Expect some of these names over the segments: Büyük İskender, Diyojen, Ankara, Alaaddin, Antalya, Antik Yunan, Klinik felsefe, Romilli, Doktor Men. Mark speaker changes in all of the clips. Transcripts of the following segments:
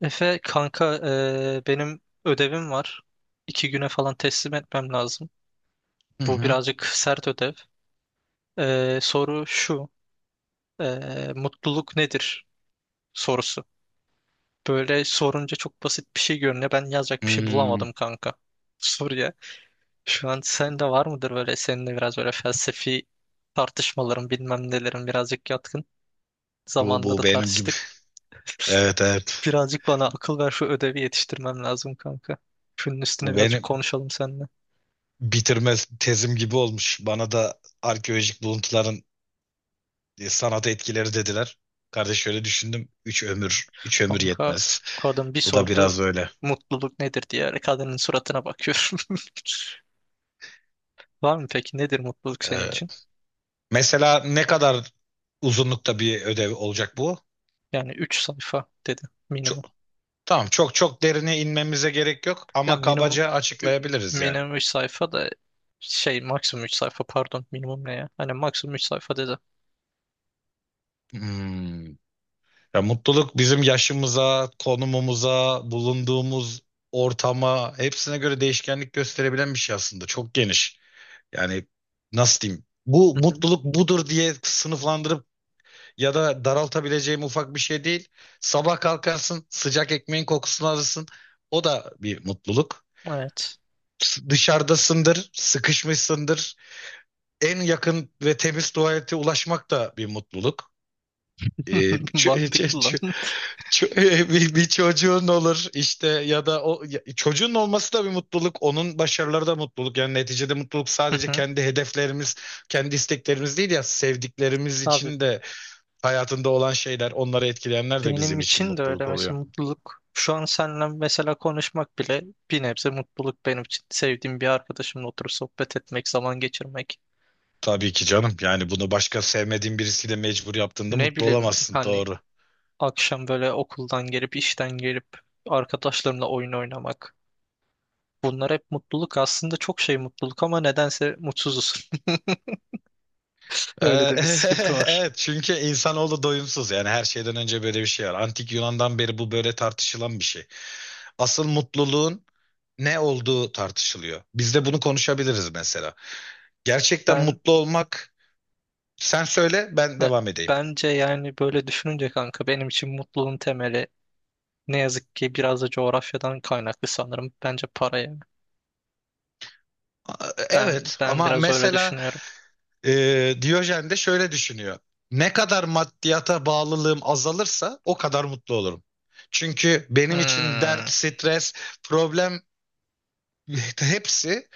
Speaker 1: Efe kanka benim ödevim var. 2 güne falan teslim etmem lazım.
Speaker 2: Hı
Speaker 1: Bu
Speaker 2: hı.
Speaker 1: birazcık sert ödev. Soru şu. Mutluluk nedir sorusu. Böyle sorunca çok basit bir şey görünüyor. Ben yazacak bir şey
Speaker 2: Hmm,
Speaker 1: bulamadım kanka soruya. Şu an sende var mıdır böyle seninle biraz böyle felsefi tartışmaların bilmem nelerin birazcık yatkın.
Speaker 2: bu
Speaker 1: Zamanında
Speaker 2: bu
Speaker 1: da
Speaker 2: benim gibi.
Speaker 1: tartıştık.
Speaker 2: Evet evet.
Speaker 1: Birazcık bana akıl ver şu ödevi yetiştirmem lazım kanka. Şunun üstüne
Speaker 2: Bu
Speaker 1: birazcık
Speaker 2: benim
Speaker 1: konuşalım seninle.
Speaker 2: bitirme tezim gibi olmuş. Bana da arkeolojik buluntuların sanat etkileri dediler. Kardeş şöyle düşündüm. Üç ömür, üç ömür
Speaker 1: Kanka
Speaker 2: yetmez.
Speaker 1: kadın bir
Speaker 2: Bu da
Speaker 1: sordu
Speaker 2: biraz öyle.
Speaker 1: mutluluk nedir diye kadının suratına bakıyorum. Var mı peki nedir mutluluk senin
Speaker 2: Ee,
Speaker 1: için?
Speaker 2: Mesela ne kadar uzunlukta bir ödev olacak bu?
Speaker 1: Yani üç sayfa dedi
Speaker 2: Çok,
Speaker 1: minimum.
Speaker 2: tamam, çok çok derine inmemize gerek yok
Speaker 1: Ya
Speaker 2: ama
Speaker 1: minimum
Speaker 2: kabaca
Speaker 1: ü-
Speaker 2: açıklayabiliriz yani.
Speaker 1: minimum 3 sayfa da şey maksimum 3 sayfa pardon minimum ne ya? Hani maksimum 3 sayfa dedi.
Speaker 2: Hmm. Ya mutluluk bizim yaşımıza, konumumuza, bulunduğumuz ortama, hepsine göre değişkenlik gösterebilen bir şey aslında. Çok geniş. Yani nasıl diyeyim? Bu
Speaker 1: Hı hı.
Speaker 2: mutluluk budur diye sınıflandırıp ya da daraltabileceğim ufak bir şey değil. Sabah kalkarsın, sıcak ekmeğin kokusunu alırsın. O da bir mutluluk.
Speaker 1: Evet.
Speaker 2: Dışarıdasındır, sıkışmışsındır. En yakın ve temiz tuvalete ulaşmak da bir mutluluk. Ee, ç-
Speaker 1: Mantıklı lan.
Speaker 2: ç- Ço- bir çocuğun olur işte, ya da çocuğun olması da bir mutluluk, onun başarıları da mutluluk. Yani neticede mutluluk
Speaker 1: Hı
Speaker 2: sadece
Speaker 1: hı.
Speaker 2: kendi hedeflerimiz, kendi isteklerimiz değil, ya sevdiklerimiz
Speaker 1: Abi,
Speaker 2: için de hayatında olan şeyler, onları etkileyenler de
Speaker 1: benim
Speaker 2: bizim için
Speaker 1: için de öyle
Speaker 2: mutluluk oluyor.
Speaker 1: mesela mutluluk. Şu an seninle mesela konuşmak bile bir nebze mutluluk benim için. Sevdiğim bir arkadaşımla oturup sohbet etmek, zaman geçirmek.
Speaker 2: Tabii ki canım. Yani bunu başka sevmediğin birisiyle mecbur yaptığında
Speaker 1: Ne
Speaker 2: mutlu
Speaker 1: bileyim
Speaker 2: olamazsın.
Speaker 1: hani
Speaker 2: Doğru.
Speaker 1: akşam böyle okuldan gelip işten gelip arkadaşlarımla oyun oynamak. Bunlar hep mutluluk. Aslında çok şey mutluluk ama nedense mutsuzuz. Öyle
Speaker 2: Ee,
Speaker 1: de bir sıkıntı var.
Speaker 2: Evet, çünkü insanoğlu doyumsuz, yani her şeyden önce böyle bir şey var. Antik Yunan'dan beri bu böyle tartışılan bir şey. Asıl mutluluğun ne olduğu tartışılıyor. Biz de bunu konuşabiliriz mesela. Gerçekten
Speaker 1: Ben
Speaker 2: mutlu olmak. Sen söyle, ben
Speaker 1: ben-
Speaker 2: devam edeyim.
Speaker 1: Bence yani böyle düşününce kanka benim için mutluluğun temeli ne yazık ki biraz da coğrafyadan kaynaklı sanırım. Bence paraya. Ben
Speaker 2: Evet,
Speaker 1: ben
Speaker 2: ama
Speaker 1: biraz öyle
Speaker 2: mesela
Speaker 1: düşünüyorum.
Speaker 2: Diyojen de şöyle düşünüyor. Ne kadar maddiyata bağlılığım azalırsa o kadar mutlu olurum. Çünkü benim için
Speaker 1: Hmm,
Speaker 2: dert, stres, problem, hepsi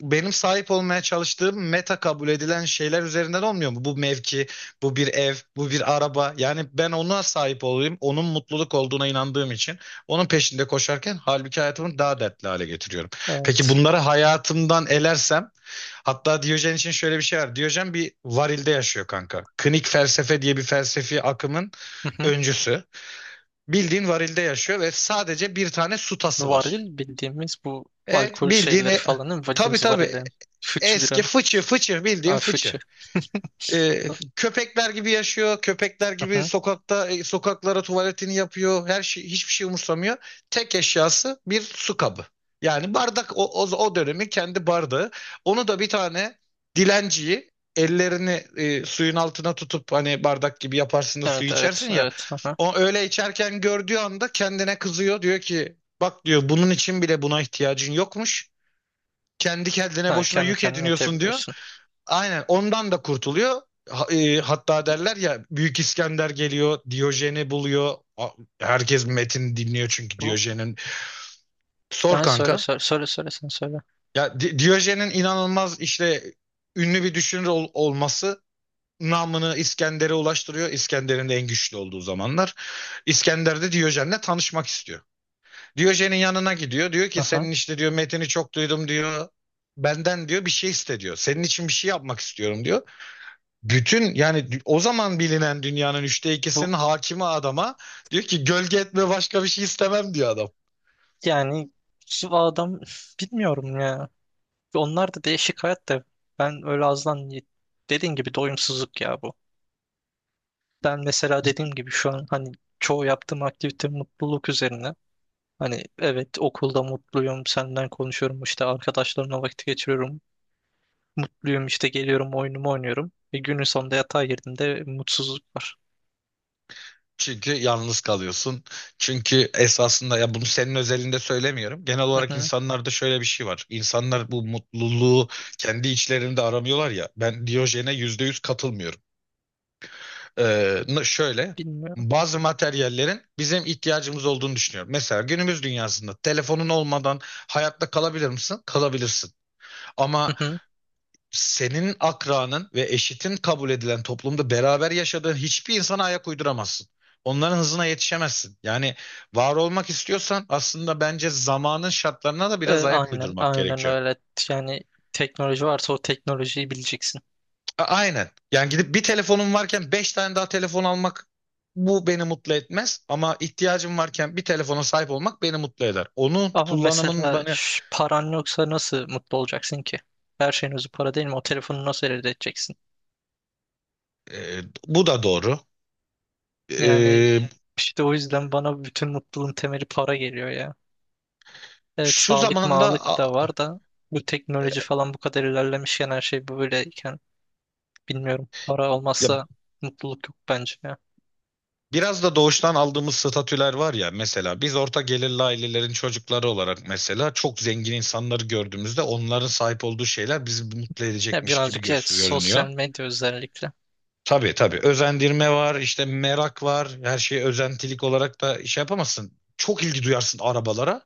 Speaker 2: benim sahip olmaya çalıştığım, meta kabul edilen şeyler üzerinden olmuyor mu? Bu mevki, bu bir ev, bu bir araba. Yani ben ona sahip olayım, onun mutluluk olduğuna inandığım için onun peşinde koşarken halbuki hayatımı daha dertli hale getiriyorum. Peki,
Speaker 1: evet.
Speaker 2: bunları hayatımdan elersem, hatta Diyojen için şöyle bir şey var. Diyojen bir varilde yaşıyor kanka. Klinik felsefe diye bir felsefi akımın
Speaker 1: Hı hı.
Speaker 2: öncüsü. Bildiğin varilde yaşıyor ve sadece bir tane su tası var.
Speaker 1: Varil bildiğimiz bu
Speaker 2: Evet,
Speaker 1: alkol
Speaker 2: bildiğin.
Speaker 1: şeyleri falan değil mi?
Speaker 2: Tabii,
Speaker 1: Bildiğimiz
Speaker 2: tabii.
Speaker 1: varilin.
Speaker 2: Eski
Speaker 1: Biranın.
Speaker 2: fıçı, fıçı bildiğin
Speaker 1: Ha, fıçı.
Speaker 2: fıçı. Ee, Köpekler gibi yaşıyor. Köpekler
Speaker 1: Hı
Speaker 2: gibi
Speaker 1: hı.
Speaker 2: sokakta, sokaklara tuvaletini yapıyor. Her şey, hiçbir şey umursamıyor. Tek eşyası bir su kabı. Yani bardak o dönemin kendi bardağı. Onu da bir tane dilenciyi, ellerini suyun altına tutup, hani bardak gibi yaparsın da suyu
Speaker 1: Evet, evet,
Speaker 2: içersin ya.
Speaker 1: evet. Hı hı.
Speaker 2: O öyle içerken gördüğü anda kendine kızıyor. Diyor ki, bak diyor, bunun için bile buna ihtiyacın yokmuş. Kendi kendine
Speaker 1: Ha,
Speaker 2: boşuna
Speaker 1: kendi
Speaker 2: yük
Speaker 1: kendine
Speaker 2: ediniyorsun diyor,
Speaker 1: itebiliyorsun.
Speaker 2: aynen ondan da kurtuluyor. Hatta derler ya, Büyük İskender geliyor, Diyojen'i buluyor. Herkes metin dinliyor çünkü,
Speaker 1: Bu
Speaker 2: Diyojen'in. Sor
Speaker 1: ben Söyle
Speaker 2: kanka.
Speaker 1: söyle söyle söyle sen söyle.
Speaker 2: Ya Diyojen'in inanılmaz işte, ünlü bir düşünür olması, namını İskender'e ulaştırıyor. İskender'in de en güçlü olduğu zamanlar. İskender de Diyojen'le tanışmak istiyor. Diyojen'in yanına gidiyor. Diyor ki,
Speaker 1: Hı.
Speaker 2: senin işte diyor, metin'i çok duydum diyor. Benden diyor bir şey iste diyor. Senin için bir şey yapmak istiyorum diyor. Bütün, yani o zaman bilinen dünyanın üçte
Speaker 1: Bu
Speaker 2: ikisinin hakimi adama diyor ki, gölge etme, başka bir şey istemem diyor adam.
Speaker 1: Yani şu adam bilmiyorum ya. Onlar da değişik hayat da ben öyle azdan dediğin gibi doyumsuzluk ya bu. Ben mesela dediğim gibi şu an hani çoğu yaptığım aktivite mutluluk üzerine. Hani evet okulda mutluyum, senden konuşuyorum, işte arkadaşlarımla vakit geçiriyorum. Mutluyum işte geliyorum oyunumu oynuyorum. E, günün sonunda yatağa girdiğimde mutsuzluk var.
Speaker 2: Çünkü yalnız kalıyorsun. Çünkü esasında, ya bunu senin özelinde söylemiyorum. Genel
Speaker 1: Hı
Speaker 2: olarak
Speaker 1: hı,
Speaker 2: insanlarda şöyle bir şey var. İnsanlar bu mutluluğu kendi içlerinde aramıyorlar ya. Ben Diyojen'e %100 katılmıyorum. Şöyle,
Speaker 1: bilmiyorum.
Speaker 2: bazı materyallerin bizim ihtiyacımız olduğunu düşünüyorum. Mesela günümüz dünyasında telefonun olmadan hayatta kalabilir misin? Kalabilirsin.
Speaker 1: Hı
Speaker 2: Ama
Speaker 1: hı.
Speaker 2: senin akranın ve eşitin kabul edilen toplumda, beraber yaşadığın hiçbir insana ayak uyduramazsın. Onların hızına yetişemezsin. Yani var olmak istiyorsan aslında, bence zamanın şartlarına da
Speaker 1: E,
Speaker 2: biraz ayak
Speaker 1: aynen,
Speaker 2: uydurmak
Speaker 1: aynen
Speaker 2: gerekiyor.
Speaker 1: öyle. Yani teknoloji varsa o teknolojiyi bileceksin.
Speaker 2: Aynen. Yani gidip bir telefonum varken beş tane daha telefon almak, bu beni mutlu etmez, ama ihtiyacım varken bir telefona sahip olmak beni mutlu eder. Onun
Speaker 1: Ama
Speaker 2: kullanımın
Speaker 1: mesela
Speaker 2: bana.
Speaker 1: paran yoksa nasıl mutlu olacaksın ki? Her şeyin özü para değil mi? O telefonu nasıl elde edeceksin?
Speaker 2: e, Bu da doğru.
Speaker 1: Yani
Speaker 2: E,
Speaker 1: işte o yüzden bana bütün mutluluğun temeli para geliyor ya. Evet
Speaker 2: Şu
Speaker 1: sağlık
Speaker 2: zamanda
Speaker 1: mağlık da var da bu teknoloji falan bu kadar ilerlemişken her şey böyleyken bilmiyorum. Para
Speaker 2: ya
Speaker 1: olmazsa mutluluk yok bence ya.
Speaker 2: biraz da doğuştan aldığımız statüler var ya. Mesela biz, orta gelirli ailelerin çocukları olarak, mesela çok zengin insanları gördüğümüzde onların sahip olduğu şeyler bizi mutlu
Speaker 1: Ya
Speaker 2: edecekmiş gibi
Speaker 1: birazcık evet sosyal
Speaker 2: görünüyor.
Speaker 1: medya özellikle.
Speaker 2: Tabii tabii, özendirme var işte, merak var, her şeye özentilik olarak da şey yapamazsın. Çok ilgi duyarsın arabalara,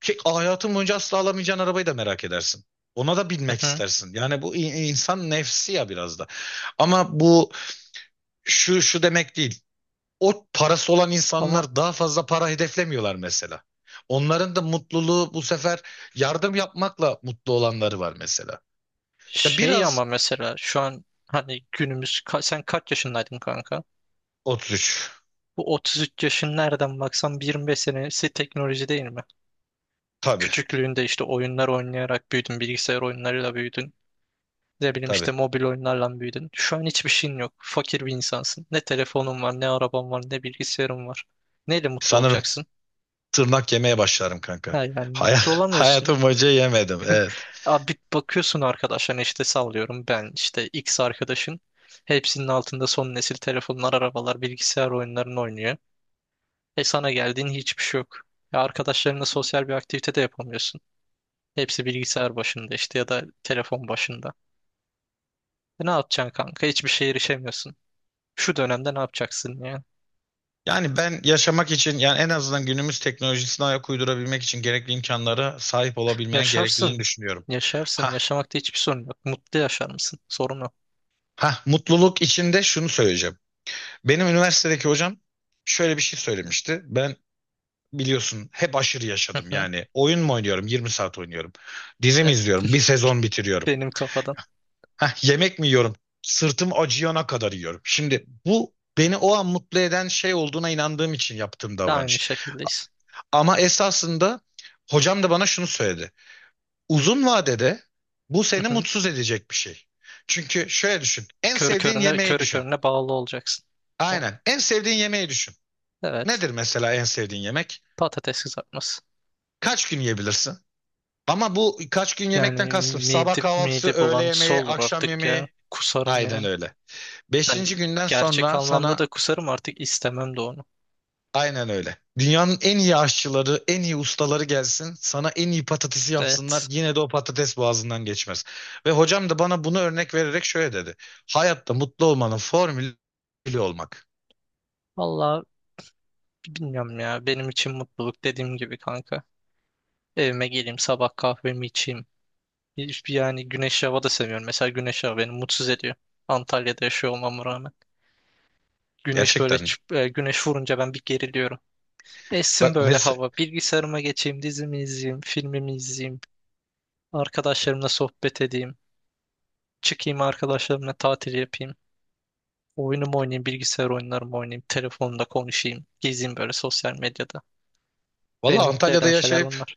Speaker 2: ki hayatın boyunca asla alamayacağın arabayı da merak edersin. Ona da
Speaker 1: Hı
Speaker 2: binmek
Speaker 1: hı.
Speaker 2: istersin. Yani bu insan nefsi ya, biraz da. Ama bu şu demek değil, o parası olan
Speaker 1: Ama
Speaker 2: insanlar daha fazla para hedeflemiyorlar mesela. Onların da mutluluğu, bu sefer yardım yapmakla mutlu olanları var mesela. Ya,
Speaker 1: şey
Speaker 2: biraz,
Speaker 1: ama mesela şu an hani günümüz sen kaç yaşındaydın kanka?
Speaker 2: 33.
Speaker 1: Bu 33 yaşın nereden baksan 25 senesi teknoloji değil mi?
Speaker 2: Tabii,
Speaker 1: Küçüklüğünde işte oyunlar oynayarak büyüdün, bilgisayar oyunlarıyla büyüdün. Ne bileyim
Speaker 2: tabii.
Speaker 1: işte mobil oyunlarla büyüdün. Şu an hiçbir şeyin yok. Fakir bir insansın. Ne telefonun var, ne araban var, ne bilgisayarın var. Neyle mutlu
Speaker 2: Sanırım
Speaker 1: olacaksın?
Speaker 2: tırnak yemeye başlarım kanka.
Speaker 1: Ha yani
Speaker 2: Hay
Speaker 1: mutlu olamıyorsun.
Speaker 2: Hayatım boyunca yemedim. Evet.
Speaker 1: Abi bakıyorsun arkadaşlarına işte sallıyorum ben işte X arkadaşın. Hepsinin altında son nesil telefonlar, arabalar, bilgisayar oyunlarını oynuyor. E sana geldiğin hiçbir şey yok. Ya arkadaşlarınla sosyal bir aktivite de yapamıyorsun. Hepsi bilgisayar başında işte ya da telefon başında. E ne yapacaksın kanka? Hiçbir şeye erişemiyorsun. Şu dönemde ne yapacaksın ya?
Speaker 2: Yani ben yaşamak için, yani en azından günümüz teknolojisine ayak uydurabilmek için gerekli imkanlara sahip olabilmeye gerekliliğini
Speaker 1: Yaşarsın.
Speaker 2: düşünüyorum.
Speaker 1: Yaşarsın.
Speaker 2: Ha,
Speaker 1: Yaşamakta hiçbir sorun yok. Mutlu yaşar mısın? Sorun o.
Speaker 2: ha, mutluluk içinde şunu söyleyeceğim. Benim üniversitedeki hocam şöyle bir şey söylemişti. Ben biliyorsun hep aşırı
Speaker 1: Hı
Speaker 2: yaşadım
Speaker 1: hı.
Speaker 2: yani. Oyun mu oynuyorum? 20 saat oynuyorum. Dizi mi
Speaker 1: Evet,
Speaker 2: izliyorum? Bir sezon bitiriyorum.
Speaker 1: benim kafadan
Speaker 2: Heh, yemek mi yiyorum? Sırtım acıyana kadar yiyorum. Şimdi bu, beni o an mutlu eden şey olduğuna inandığım için yaptığım
Speaker 1: da aynı
Speaker 2: davranış.
Speaker 1: şekildeyiz.
Speaker 2: Ama esasında, hocam da bana şunu söyledi. Uzun vadede bu
Speaker 1: Hı
Speaker 2: seni
Speaker 1: hı.
Speaker 2: mutsuz edecek bir şey. Çünkü şöyle düşün. En
Speaker 1: Körü
Speaker 2: sevdiğin
Speaker 1: körüne,
Speaker 2: yemeği
Speaker 1: körü
Speaker 2: düşün.
Speaker 1: körüne bağlı olacaksın. O-
Speaker 2: Aynen. En sevdiğin yemeği düşün.
Speaker 1: Evet.
Speaker 2: Nedir mesela en sevdiğin yemek?
Speaker 1: Patates kızartması.
Speaker 2: Kaç gün yiyebilirsin? Ama bu kaç gün yemekten
Speaker 1: Yani
Speaker 2: kastım: sabah
Speaker 1: mide,
Speaker 2: kahvaltısı,
Speaker 1: mide
Speaker 2: öğle
Speaker 1: bulantısı
Speaker 2: yemeği,
Speaker 1: olur
Speaker 2: akşam
Speaker 1: artık ya.
Speaker 2: yemeği.
Speaker 1: Kusarım
Speaker 2: Aynen
Speaker 1: yani.
Speaker 2: öyle.
Speaker 1: Yani
Speaker 2: Beşinci günden
Speaker 1: gerçek
Speaker 2: sonra
Speaker 1: anlamda
Speaker 2: sana.
Speaker 1: da kusarım artık istemem de onu.
Speaker 2: Aynen öyle. Dünyanın en iyi aşçıları, en iyi ustaları gelsin. Sana en iyi patatesi yapsınlar.
Speaker 1: Evet.
Speaker 2: Yine de o patates boğazından geçmez. Ve hocam da bana bunu örnek vererek şöyle dedi. Hayatta mutlu olmanın formülü, olmak.
Speaker 1: Valla bilmiyorum ya. Benim için mutluluk dediğim gibi kanka. Evime geleyim sabah kahvemi içeyim. Yani güneş hava da sevmiyorum. Mesela güneş hava beni mutsuz ediyor. Antalya'da yaşıyor olmama rağmen. Güneş böyle
Speaker 2: Gerçekten mi?
Speaker 1: çıp- e, güneş vurunca ben bir geriliyorum. Essin
Speaker 2: Bak
Speaker 1: böyle
Speaker 2: mesela,
Speaker 1: hava. Bilgisayarıma geçeyim, dizimi izleyeyim, filmimi izleyeyim. Arkadaşlarımla sohbet edeyim. Çıkayım arkadaşlarımla tatil yapayım. Oyunumu oynayayım, bilgisayar oyunlarımı oynayayım. Telefonda konuşayım. Gezeyim böyle sosyal medyada. Beni
Speaker 2: valla
Speaker 1: mutlu
Speaker 2: Antalya'da
Speaker 1: eden şeyler
Speaker 2: yaşayıp
Speaker 1: bunlar.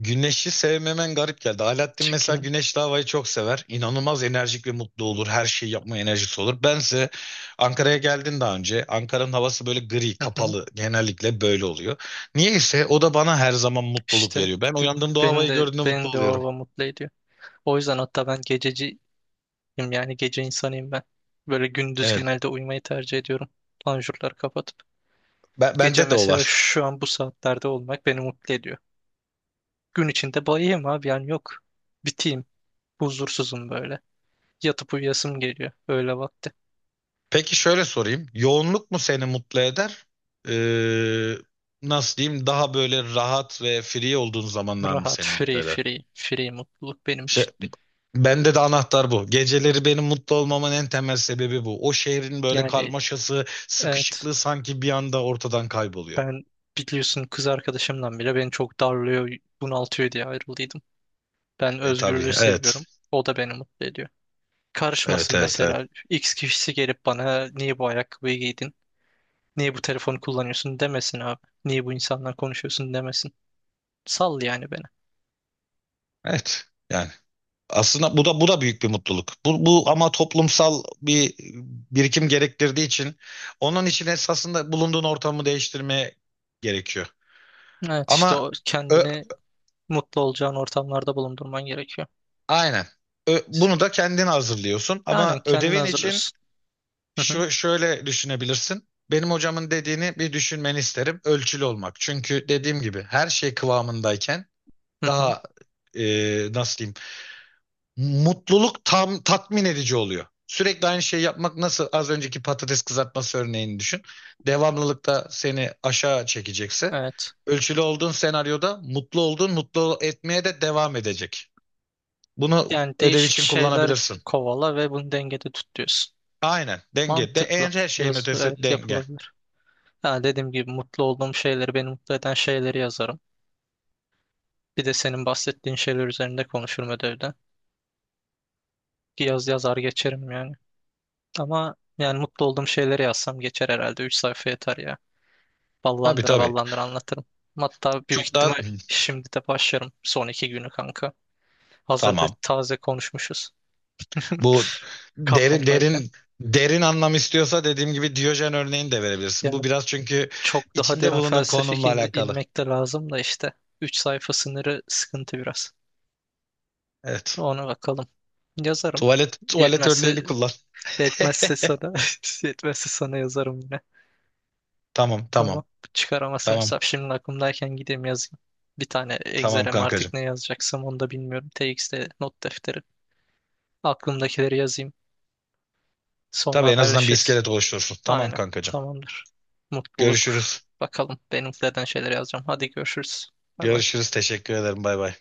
Speaker 2: güneşi sevmemen garip geldi. Alaaddin mesela
Speaker 1: Çıkayım.
Speaker 2: güneşli havayı çok sever. İnanılmaz enerjik ve mutlu olur. Her şeyi yapma enerjisi olur. Bense. Ankara'ya geldin daha önce. Ankara'nın havası böyle gri,
Speaker 1: Hı hı.
Speaker 2: kapalı. Genellikle böyle oluyor. Niyeyse o da bana her zaman mutluluk
Speaker 1: İşte
Speaker 2: veriyor. Ben
Speaker 1: b-
Speaker 2: uyandığımda o
Speaker 1: beni
Speaker 2: havayı
Speaker 1: de
Speaker 2: gördüğümde mutlu
Speaker 1: beni de o
Speaker 2: oluyorum.
Speaker 1: hava mutlu ediyor. O yüzden hatta ben gececi. Yani gece insanıyım ben. Böyle gündüz
Speaker 2: Evet.
Speaker 1: genelde uyumayı tercih ediyorum. Panjurları kapatıp. Gece
Speaker 2: Bende de o
Speaker 1: mesela
Speaker 2: var.
Speaker 1: şu an bu saatlerde olmak beni mutlu ediyor. Gün içinde bayayım abi yani yok. Biteyim. Huzursuzum böyle. Yatıp uyuyasım geliyor. Öyle vakti.
Speaker 2: Peki şöyle sorayım: yoğunluk mu seni mutlu eder? Ee, Nasıl diyeyim? Daha böyle rahat ve free olduğun zamanlar mı
Speaker 1: Rahat,
Speaker 2: seni mutlu
Speaker 1: free,
Speaker 2: eder?
Speaker 1: free, free mutluluk benim
Speaker 2: Şey,
Speaker 1: için.
Speaker 2: bende de anahtar bu. Geceleri benim mutlu olmamın en temel sebebi bu. O şehrin böyle
Speaker 1: Yani
Speaker 2: karmaşası,
Speaker 1: evet
Speaker 2: sıkışıklığı sanki bir anda ortadan kayboluyor.
Speaker 1: ben biliyorsun kız arkadaşımdan bile beni çok darlıyor, bunaltıyor diye ayrıldıydım. Ben
Speaker 2: E tabii,
Speaker 1: özgürlüğü seviyorum.
Speaker 2: evet.
Speaker 1: O da beni mutlu ediyor.
Speaker 2: Evet,
Speaker 1: Karışmasın
Speaker 2: evet, evet.
Speaker 1: mesela. X kişisi gelip bana niye bu ayakkabıyı giydin? Niye bu telefonu kullanıyorsun demesin abi. Niye bu insanla konuşuyorsun demesin. Sal yani beni.
Speaker 2: Evet. Yani aslında bu da büyük bir mutluluk. Bu ama toplumsal bir birikim gerektirdiği için, onun için esasında bulunduğun ortamı değiştirmeye gerekiyor.
Speaker 1: Evet işte
Speaker 2: Ama
Speaker 1: o
Speaker 2: ö-
Speaker 1: kendini mutlu olacağın ortamlarda bulundurman gerekiyor.
Speaker 2: aynen. Bunu da kendin hazırlıyorsun,
Speaker 1: Aynen
Speaker 2: ama
Speaker 1: kendini
Speaker 2: ödevin için.
Speaker 1: hazırlıyorsun. Hı hı,
Speaker 2: Şu şöyle düşünebilirsin. Benim hocamın dediğini bir düşünmeni isterim. Ölçülü olmak. Çünkü dediğim gibi, her şey kıvamındayken
Speaker 1: hı hı.
Speaker 2: daha nasıl diyeyim? Mutluluk tam tatmin edici oluyor. Sürekli aynı şeyi yapmak, nasıl, az önceki patates kızartması örneğini düşün. Devamlılıkta seni aşağı çekecekse,
Speaker 1: Evet.
Speaker 2: ölçülü olduğun senaryoda mutlu olduğun, mutlu etmeye de devam edecek. Bunu
Speaker 1: Yani
Speaker 2: ödev
Speaker 1: değişik
Speaker 2: için
Speaker 1: şeyler
Speaker 2: kullanabilirsin.
Speaker 1: kovala ve bunu dengede tut diyorsun.
Speaker 2: Aynen, denge. De,
Speaker 1: Mantıklı.
Speaker 2: en, her şeyin
Speaker 1: Yaz,
Speaker 2: ötesi
Speaker 1: evet
Speaker 2: denge.
Speaker 1: yapılabilir. Ha, dediğim gibi mutlu olduğum şeyleri, beni mutlu eden şeyleri yazarım. Bir de senin bahsettiğin şeyler üzerinde konuşurum ödevde. Bir yaz yazar geçerim yani. Ama yani mutlu olduğum şeyleri yazsam geçer herhalde. Üç sayfa yeter ya.
Speaker 2: Tabii
Speaker 1: Ballandıra
Speaker 2: tabii.
Speaker 1: ballandıra anlatırım. Hatta büyük
Speaker 2: Çok daha.
Speaker 1: ihtimal şimdi de başlarım son 2 günü kanka. Hazırda
Speaker 2: Tamam.
Speaker 1: taze konuşmuşuz
Speaker 2: Bu derin
Speaker 1: kafamdayken.
Speaker 2: derin derin anlam istiyorsa, dediğim gibi Diyojen örneğini de verebilirsin.
Speaker 1: Yani
Speaker 2: Bu biraz, çünkü
Speaker 1: çok daha
Speaker 2: içinde
Speaker 1: derin
Speaker 2: bulunduğun
Speaker 1: felsefik
Speaker 2: konumla
Speaker 1: in-
Speaker 2: alakalı.
Speaker 1: inmek de lazım da işte. Üç sayfa sınırı sıkıntı biraz.
Speaker 2: Evet.
Speaker 1: Ona bakalım. Yazarım.
Speaker 2: Tuvalet
Speaker 1: Yetmezse
Speaker 2: örneğini kullan.
Speaker 1: yetmezse sana yetmezse sana yazarım yine.
Speaker 2: Tamam, tamam.
Speaker 1: Tamam. Çıkaramazsam
Speaker 2: Tamam.
Speaker 1: hesap şimdi aklımdayken gideyim yazayım. Bir tane
Speaker 2: Tamam
Speaker 1: Excel'e artık
Speaker 2: kankacığım.
Speaker 1: ne yazacaksam onu da bilmiyorum. TXT not defteri. Aklımdakileri yazayım. Sonra
Speaker 2: Tabii, en azından bir
Speaker 1: haberleşiriz.
Speaker 2: iskelet oluşturursun. Tamam
Speaker 1: Aynen.
Speaker 2: kankacığım.
Speaker 1: Tamamdır. Mutluluk.
Speaker 2: Görüşürüz.
Speaker 1: Bakalım. Benim neden şeyler yazacağım. Hadi görüşürüz. Bay bay.
Speaker 2: Görüşürüz. Teşekkür ederim. Bay bay.